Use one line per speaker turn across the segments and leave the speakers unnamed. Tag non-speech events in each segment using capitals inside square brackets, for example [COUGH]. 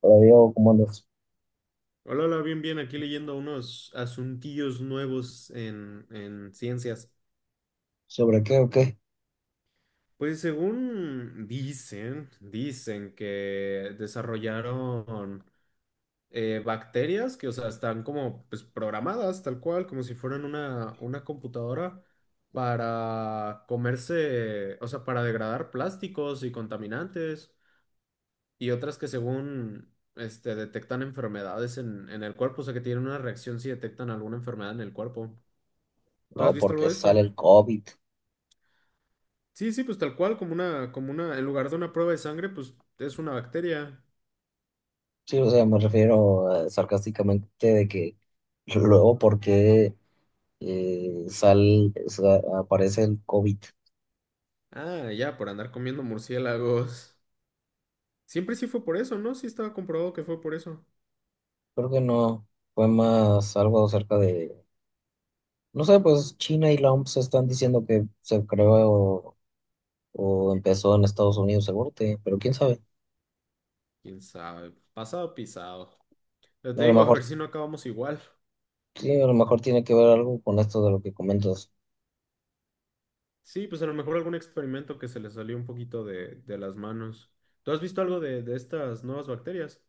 Pero digo, como andas?
Hola, hola, bien, bien, aquí leyendo unos asuntillos nuevos en ciencias.
¿Sobre qué o qué?
Pues según dicen que desarrollaron bacterias que, o sea, están como pues, programadas tal cual, como si fueran una computadora para comerse, o sea, para degradar plásticos y contaminantes y otras que según detectan enfermedades en el cuerpo, o sea, que tienen una reacción si detectan alguna enfermedad en el cuerpo. ¿Tú has
No,
visto algo
porque
de
sale
esto?
el COVID.
Sí, sí, pues tal cual, como una, en lugar de una prueba de sangre, pues es una bacteria.
Sí, o sea, me refiero sarcásticamente de que luego porque aparece el COVID.
Ah, ya, por andar comiendo murciélagos. Siempre sí fue por eso, ¿no? Sí estaba comprobado que fue por eso.
Creo que no, fue más algo acerca de, no sé, pues China y la OMS están diciendo que se creó o, empezó en Estados Unidos, seguro, pero quién sabe.
Quién sabe, pasado pisado. Ya te
A lo
digo, a
mejor,
ver si no acabamos igual.
sí, a lo mejor tiene que ver algo con esto de lo que comentas.
Sí, pues a lo mejor algún experimento que se le salió un poquito de las manos. ¿Tú has visto algo de estas nuevas bacterias?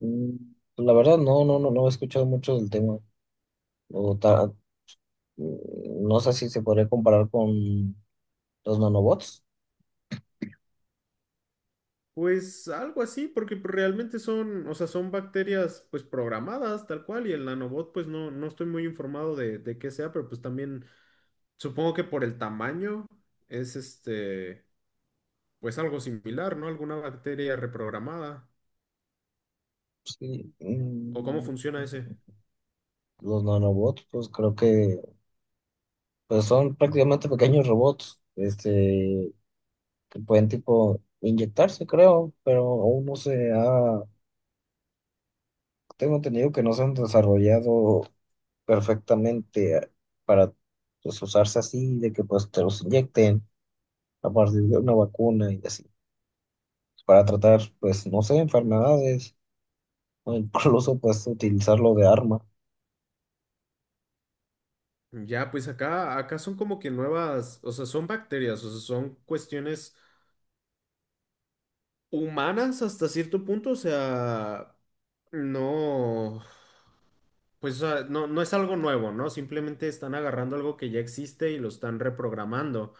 Mm, pues, la verdad, no he escuchado mucho del tema. O ta- no sé si se podría comparar con los nanobots.
Pues algo así, porque pues, realmente son, o sea, son bacterias pues programadas tal cual y el nanobot pues no estoy muy informado de qué sea, pero pues también supongo que por el tamaño es pues algo similar, ¿no? Alguna bacteria reprogramada
Sí,
o cómo
mm,
funciona ese.
los nanobots, pues creo que pues son prácticamente pequeños robots, este, que pueden tipo inyectarse, creo, pero aún no se ha, tengo entendido que no se han desarrollado perfectamente para pues, usarse así, de que pues te los inyecten a partir de una vacuna y así, para tratar, pues, no sé, enfermedades, o incluso pues utilizarlo de arma.
Ya, pues acá son como que nuevas, o sea, son bacterias, o sea, son cuestiones humanas hasta cierto punto, o sea, no. Pues o sea, no es algo nuevo, ¿no? Simplemente están agarrando algo que ya existe y lo están reprogramando.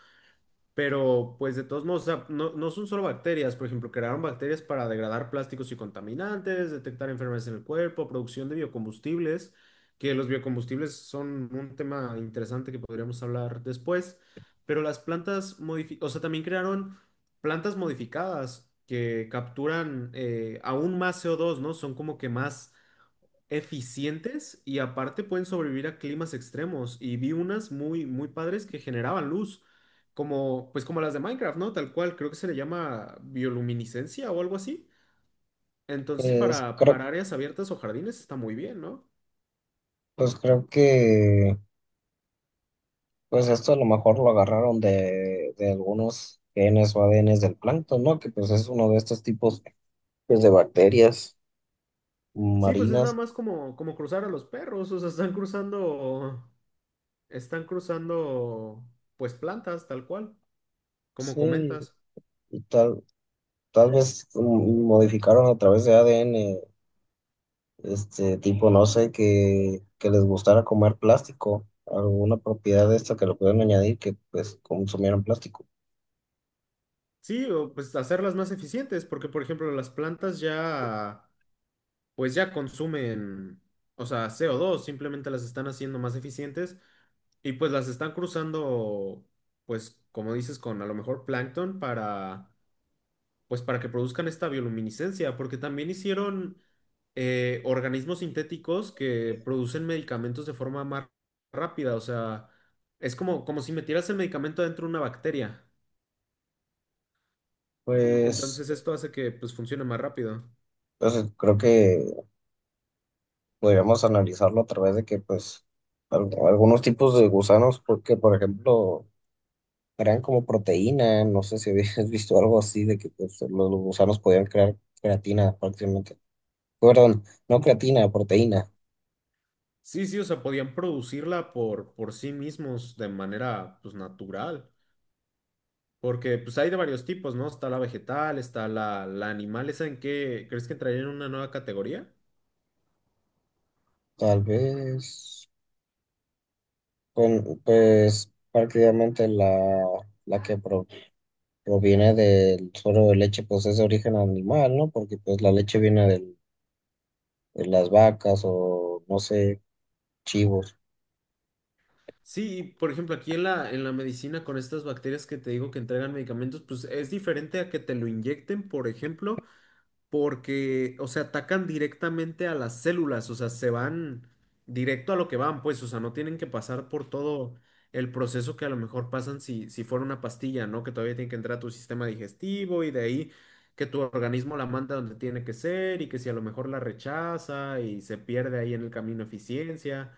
Pero pues de todos modos, o sea, no son solo bacterias. Por ejemplo, crearon bacterias para degradar plásticos y contaminantes, detectar enfermedades en el cuerpo, producción de biocombustibles, que los biocombustibles son un tema interesante que podríamos hablar después. Pero las plantas modificadas, o sea, también crearon plantas modificadas que capturan aún más CO2, ¿no? Son como que más eficientes y aparte pueden sobrevivir a climas extremos. Y vi unas muy, muy padres que generaban luz, como, pues como las de Minecraft, ¿no? Tal cual, creo que se le llama bioluminiscencia o algo así. Entonces, para,
Creo,
para áreas abiertas o jardines está muy bien, ¿no?
pues creo que pues esto a lo mejor lo agarraron de algunos genes o ADNs del plancton, ¿no? Que pues es uno de estos tipos pues, de bacterias
Sí, pues es nada
marinas.
más como, como cruzar a los perros, o sea, están cruzando, pues plantas, tal cual, como
Sí,
comentas.
y tal, tal vez mm, modificaron a través de ADN, este tipo, no sé, que les gustara comer plástico, alguna propiedad de esta que lo pueden añadir que pues consumieran plástico.
Sí, o pues hacerlas más eficientes, porque por ejemplo las plantas ya, pues ya consumen, o sea, co dos. Simplemente las están haciendo más eficientes y pues las están cruzando, pues como dices, con a lo mejor plancton para, pues para que produzcan esta bioluminiscencia, porque también hicieron organismos sintéticos que producen medicamentos de forma más rápida, o sea, es como, como si metieras el medicamento dentro de una bacteria,
Pues
entonces esto hace que pues funcione más rápido.
entonces creo que podríamos analizarlo a través de que, pues, algunos tipos de gusanos, porque, por ejemplo, crean como proteína, no sé si habías [LAUGHS] visto algo así, de que pues, los gusanos podían crear creatina prácticamente. Perdón, no creatina, proteína.
Sí, sí, o sea, podían producirla por sí mismos de manera, pues, natural. Porque, pues, hay de varios tipos, ¿no? Está la vegetal, está la animal. ¿Esa en qué crees que entraría en una nueva categoría?
Tal vez, con, pues, prácticamente la que proviene del suero de leche, pues es de origen animal, ¿no? Porque, pues, la leche viene del- de las vacas o, no sé, chivos.
Sí, y, por ejemplo, aquí en la medicina con estas bacterias que te digo que entregan medicamentos, pues es diferente a que te lo inyecten, por ejemplo, porque, o sea, atacan directamente a las células, o sea, se van directo a lo que van, pues, o sea, no tienen que pasar por todo el proceso que a lo mejor pasan si fuera una pastilla, ¿no? Que todavía tiene que entrar a tu sistema digestivo y de ahí que tu organismo la manda donde tiene que ser y que si a lo mejor la rechaza y se pierde ahí en el camino eficiencia.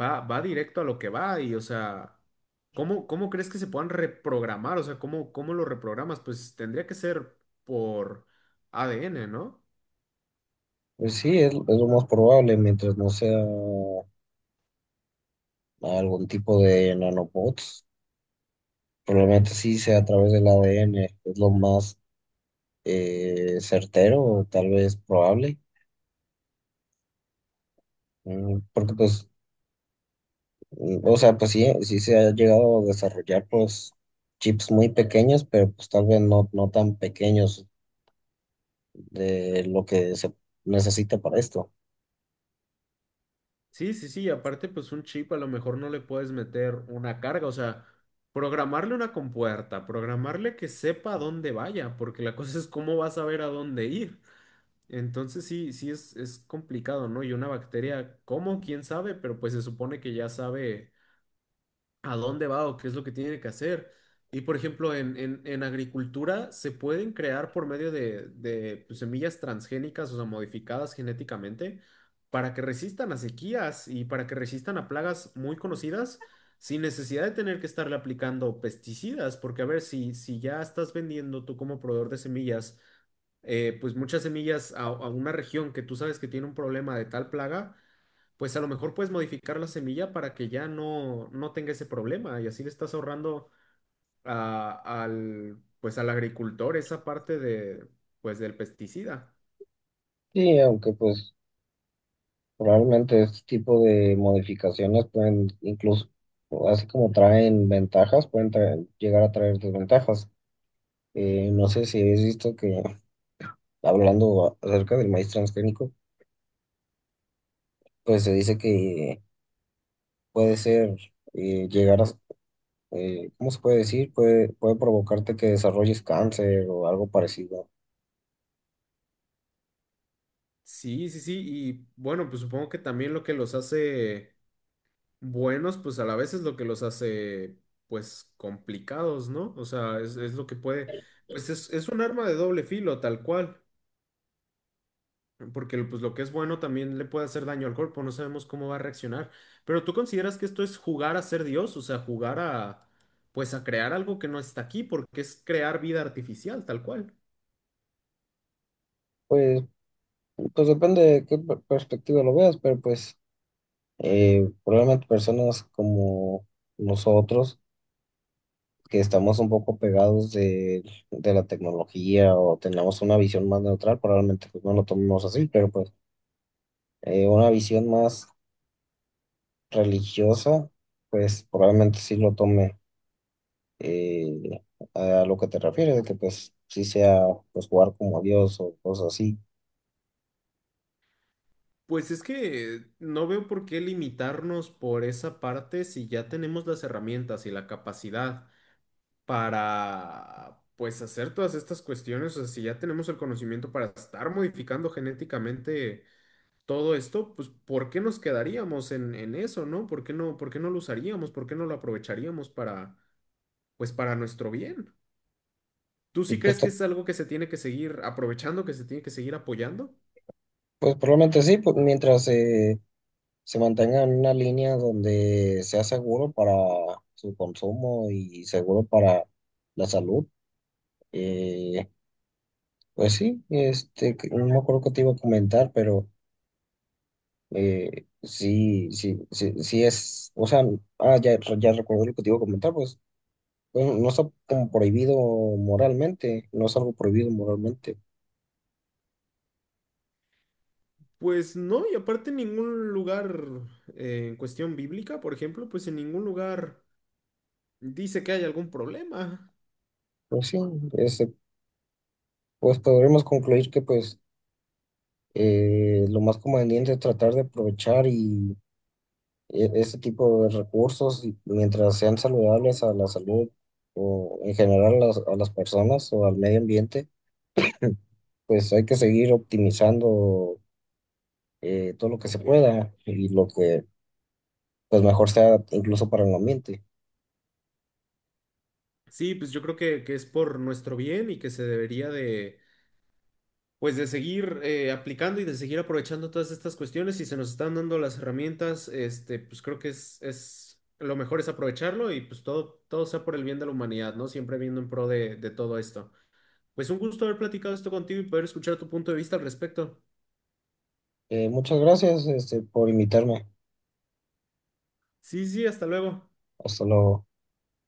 Va, va directo a lo que va y, o sea, ¿cómo, cómo crees que se puedan reprogramar? O sea, ¿cómo, cómo lo reprogramas? Pues tendría que ser por ADN, ¿no?
Pues sí, es lo más probable, mientras no sea algún tipo de nanobots. Probablemente sí sea a través del ADN, es lo más certero, o tal vez probable. Porque pues, o sea, pues sí, sí se ha llegado a desarrollar pues chips muy pequeños, pero pues tal vez no, no tan pequeños de lo que se necesita para esto.
Sí, sí, sí, y aparte, pues un chip a lo mejor no le puedes meter una carga, o sea, programarle una compuerta, programarle que sepa a dónde vaya, porque la [LAUGHS] cosa es cómo vas a saber a dónde ir. Entonces sí, sí es complicado, ¿no? Y una bacteria, ¿cómo? ¿Quién sabe? Pero pues se supone que ya sabe a dónde va o qué es lo que tiene que hacer. Y por ejemplo, en agricultura se pueden crear por medio de, pues, semillas transgénicas, o sea, modificadas genéticamente, para que resistan a sequías y para que resistan a plagas muy conocidas, sin necesidad de tener que estarle aplicando pesticidas, porque a ver, si ya estás vendiendo tú como proveedor de semillas, pues muchas semillas a una región que tú sabes que tiene un problema de tal plaga, pues a lo mejor puedes modificar la semilla para que ya no tenga ese problema y así le estás ahorrando al agricultor esa parte de, pues del pesticida.
Sí, aunque pues probablemente este tipo de modificaciones pueden incluso, así como traen ventajas, pueden traer- llegar a traer desventajas. No sé si has visto que, hablando acerca del maíz transgénico, pues se dice que puede ser, llegar a, ¿cómo se puede decir? Puede, puede provocarte que desarrolles cáncer o algo parecido.
Sí, sí, sí, y bueno, pues supongo que también lo que los hace buenos, pues a la vez es lo que los hace, pues complicados, ¿no? O sea, es lo que puede, pues es un arma de doble filo, tal cual. Porque pues lo que es bueno también le puede hacer daño al cuerpo, no sabemos cómo va a reaccionar. Pero ¿tú consideras que esto es jugar a ser Dios? O sea, jugar a, pues a crear algo que no está aquí, porque es crear vida artificial, tal cual.
Pues, pues depende de qué perspectiva lo veas, pero pues probablemente personas como nosotros, que estamos un poco pegados de la tecnología o tengamos una visión más neutral, probablemente pues, no lo tomemos así, pero pues una visión más religiosa, pues probablemente sí lo tome eh, a lo que te refieres, de que pues sí sea pues jugar como a Dios o cosas así.
Pues es que no veo por qué limitarnos por esa parte si ya tenemos las herramientas y la capacidad para, pues hacer todas estas cuestiones, o sea, si ya tenemos el conocimiento para estar modificando genéticamente todo esto, pues ¿por qué nos quedaríamos en eso, no? ¿Por qué no, por qué no lo usaríamos? ¿Por qué no lo aprovecharíamos para, pues para nuestro bien? ¿Tú
Y
sí
pues,
crees que es algo que se tiene que seguir aprovechando, que se tiene que seguir apoyando?
pues probablemente sí, pues mientras se mantenga en una línea donde sea seguro para su consumo y seguro para la salud. eh, Pues sí, este, no me acuerdo que te iba a comentar, pero sí, sí es, o sea, ah, ya, ya recuerdo lo que te iba a comentar, pues, pues, no está como prohibido moralmente, no es algo prohibido moralmente.
Pues no, y aparte en ningún lugar, en cuestión bíblica, por ejemplo, pues en ningún lugar dice que hay algún problema.
Pues sí, este, pues podremos concluir que pues lo más conveniente es tratar de aprovechar ese tipo de recursos y mientras sean saludables a la salud o en general a las personas o al medio ambiente pues hay que seguir optimizando todo lo que se pueda y lo que pues mejor sea incluso para el ambiente.
Sí, pues yo creo que es por nuestro bien y que se debería de pues de seguir aplicando y de seguir aprovechando todas estas cuestiones y se nos están dando las herramientas, este, pues creo que es lo mejor es aprovecharlo y pues todo, todo sea por el bien de la humanidad, ¿no? Siempre viendo en pro de todo esto. Pues un gusto haber platicado esto contigo y poder escuchar tu punto de vista al respecto.
Muchas gracias, este, por invitarme.
Sí, sí, hasta luego.
Hasta luego.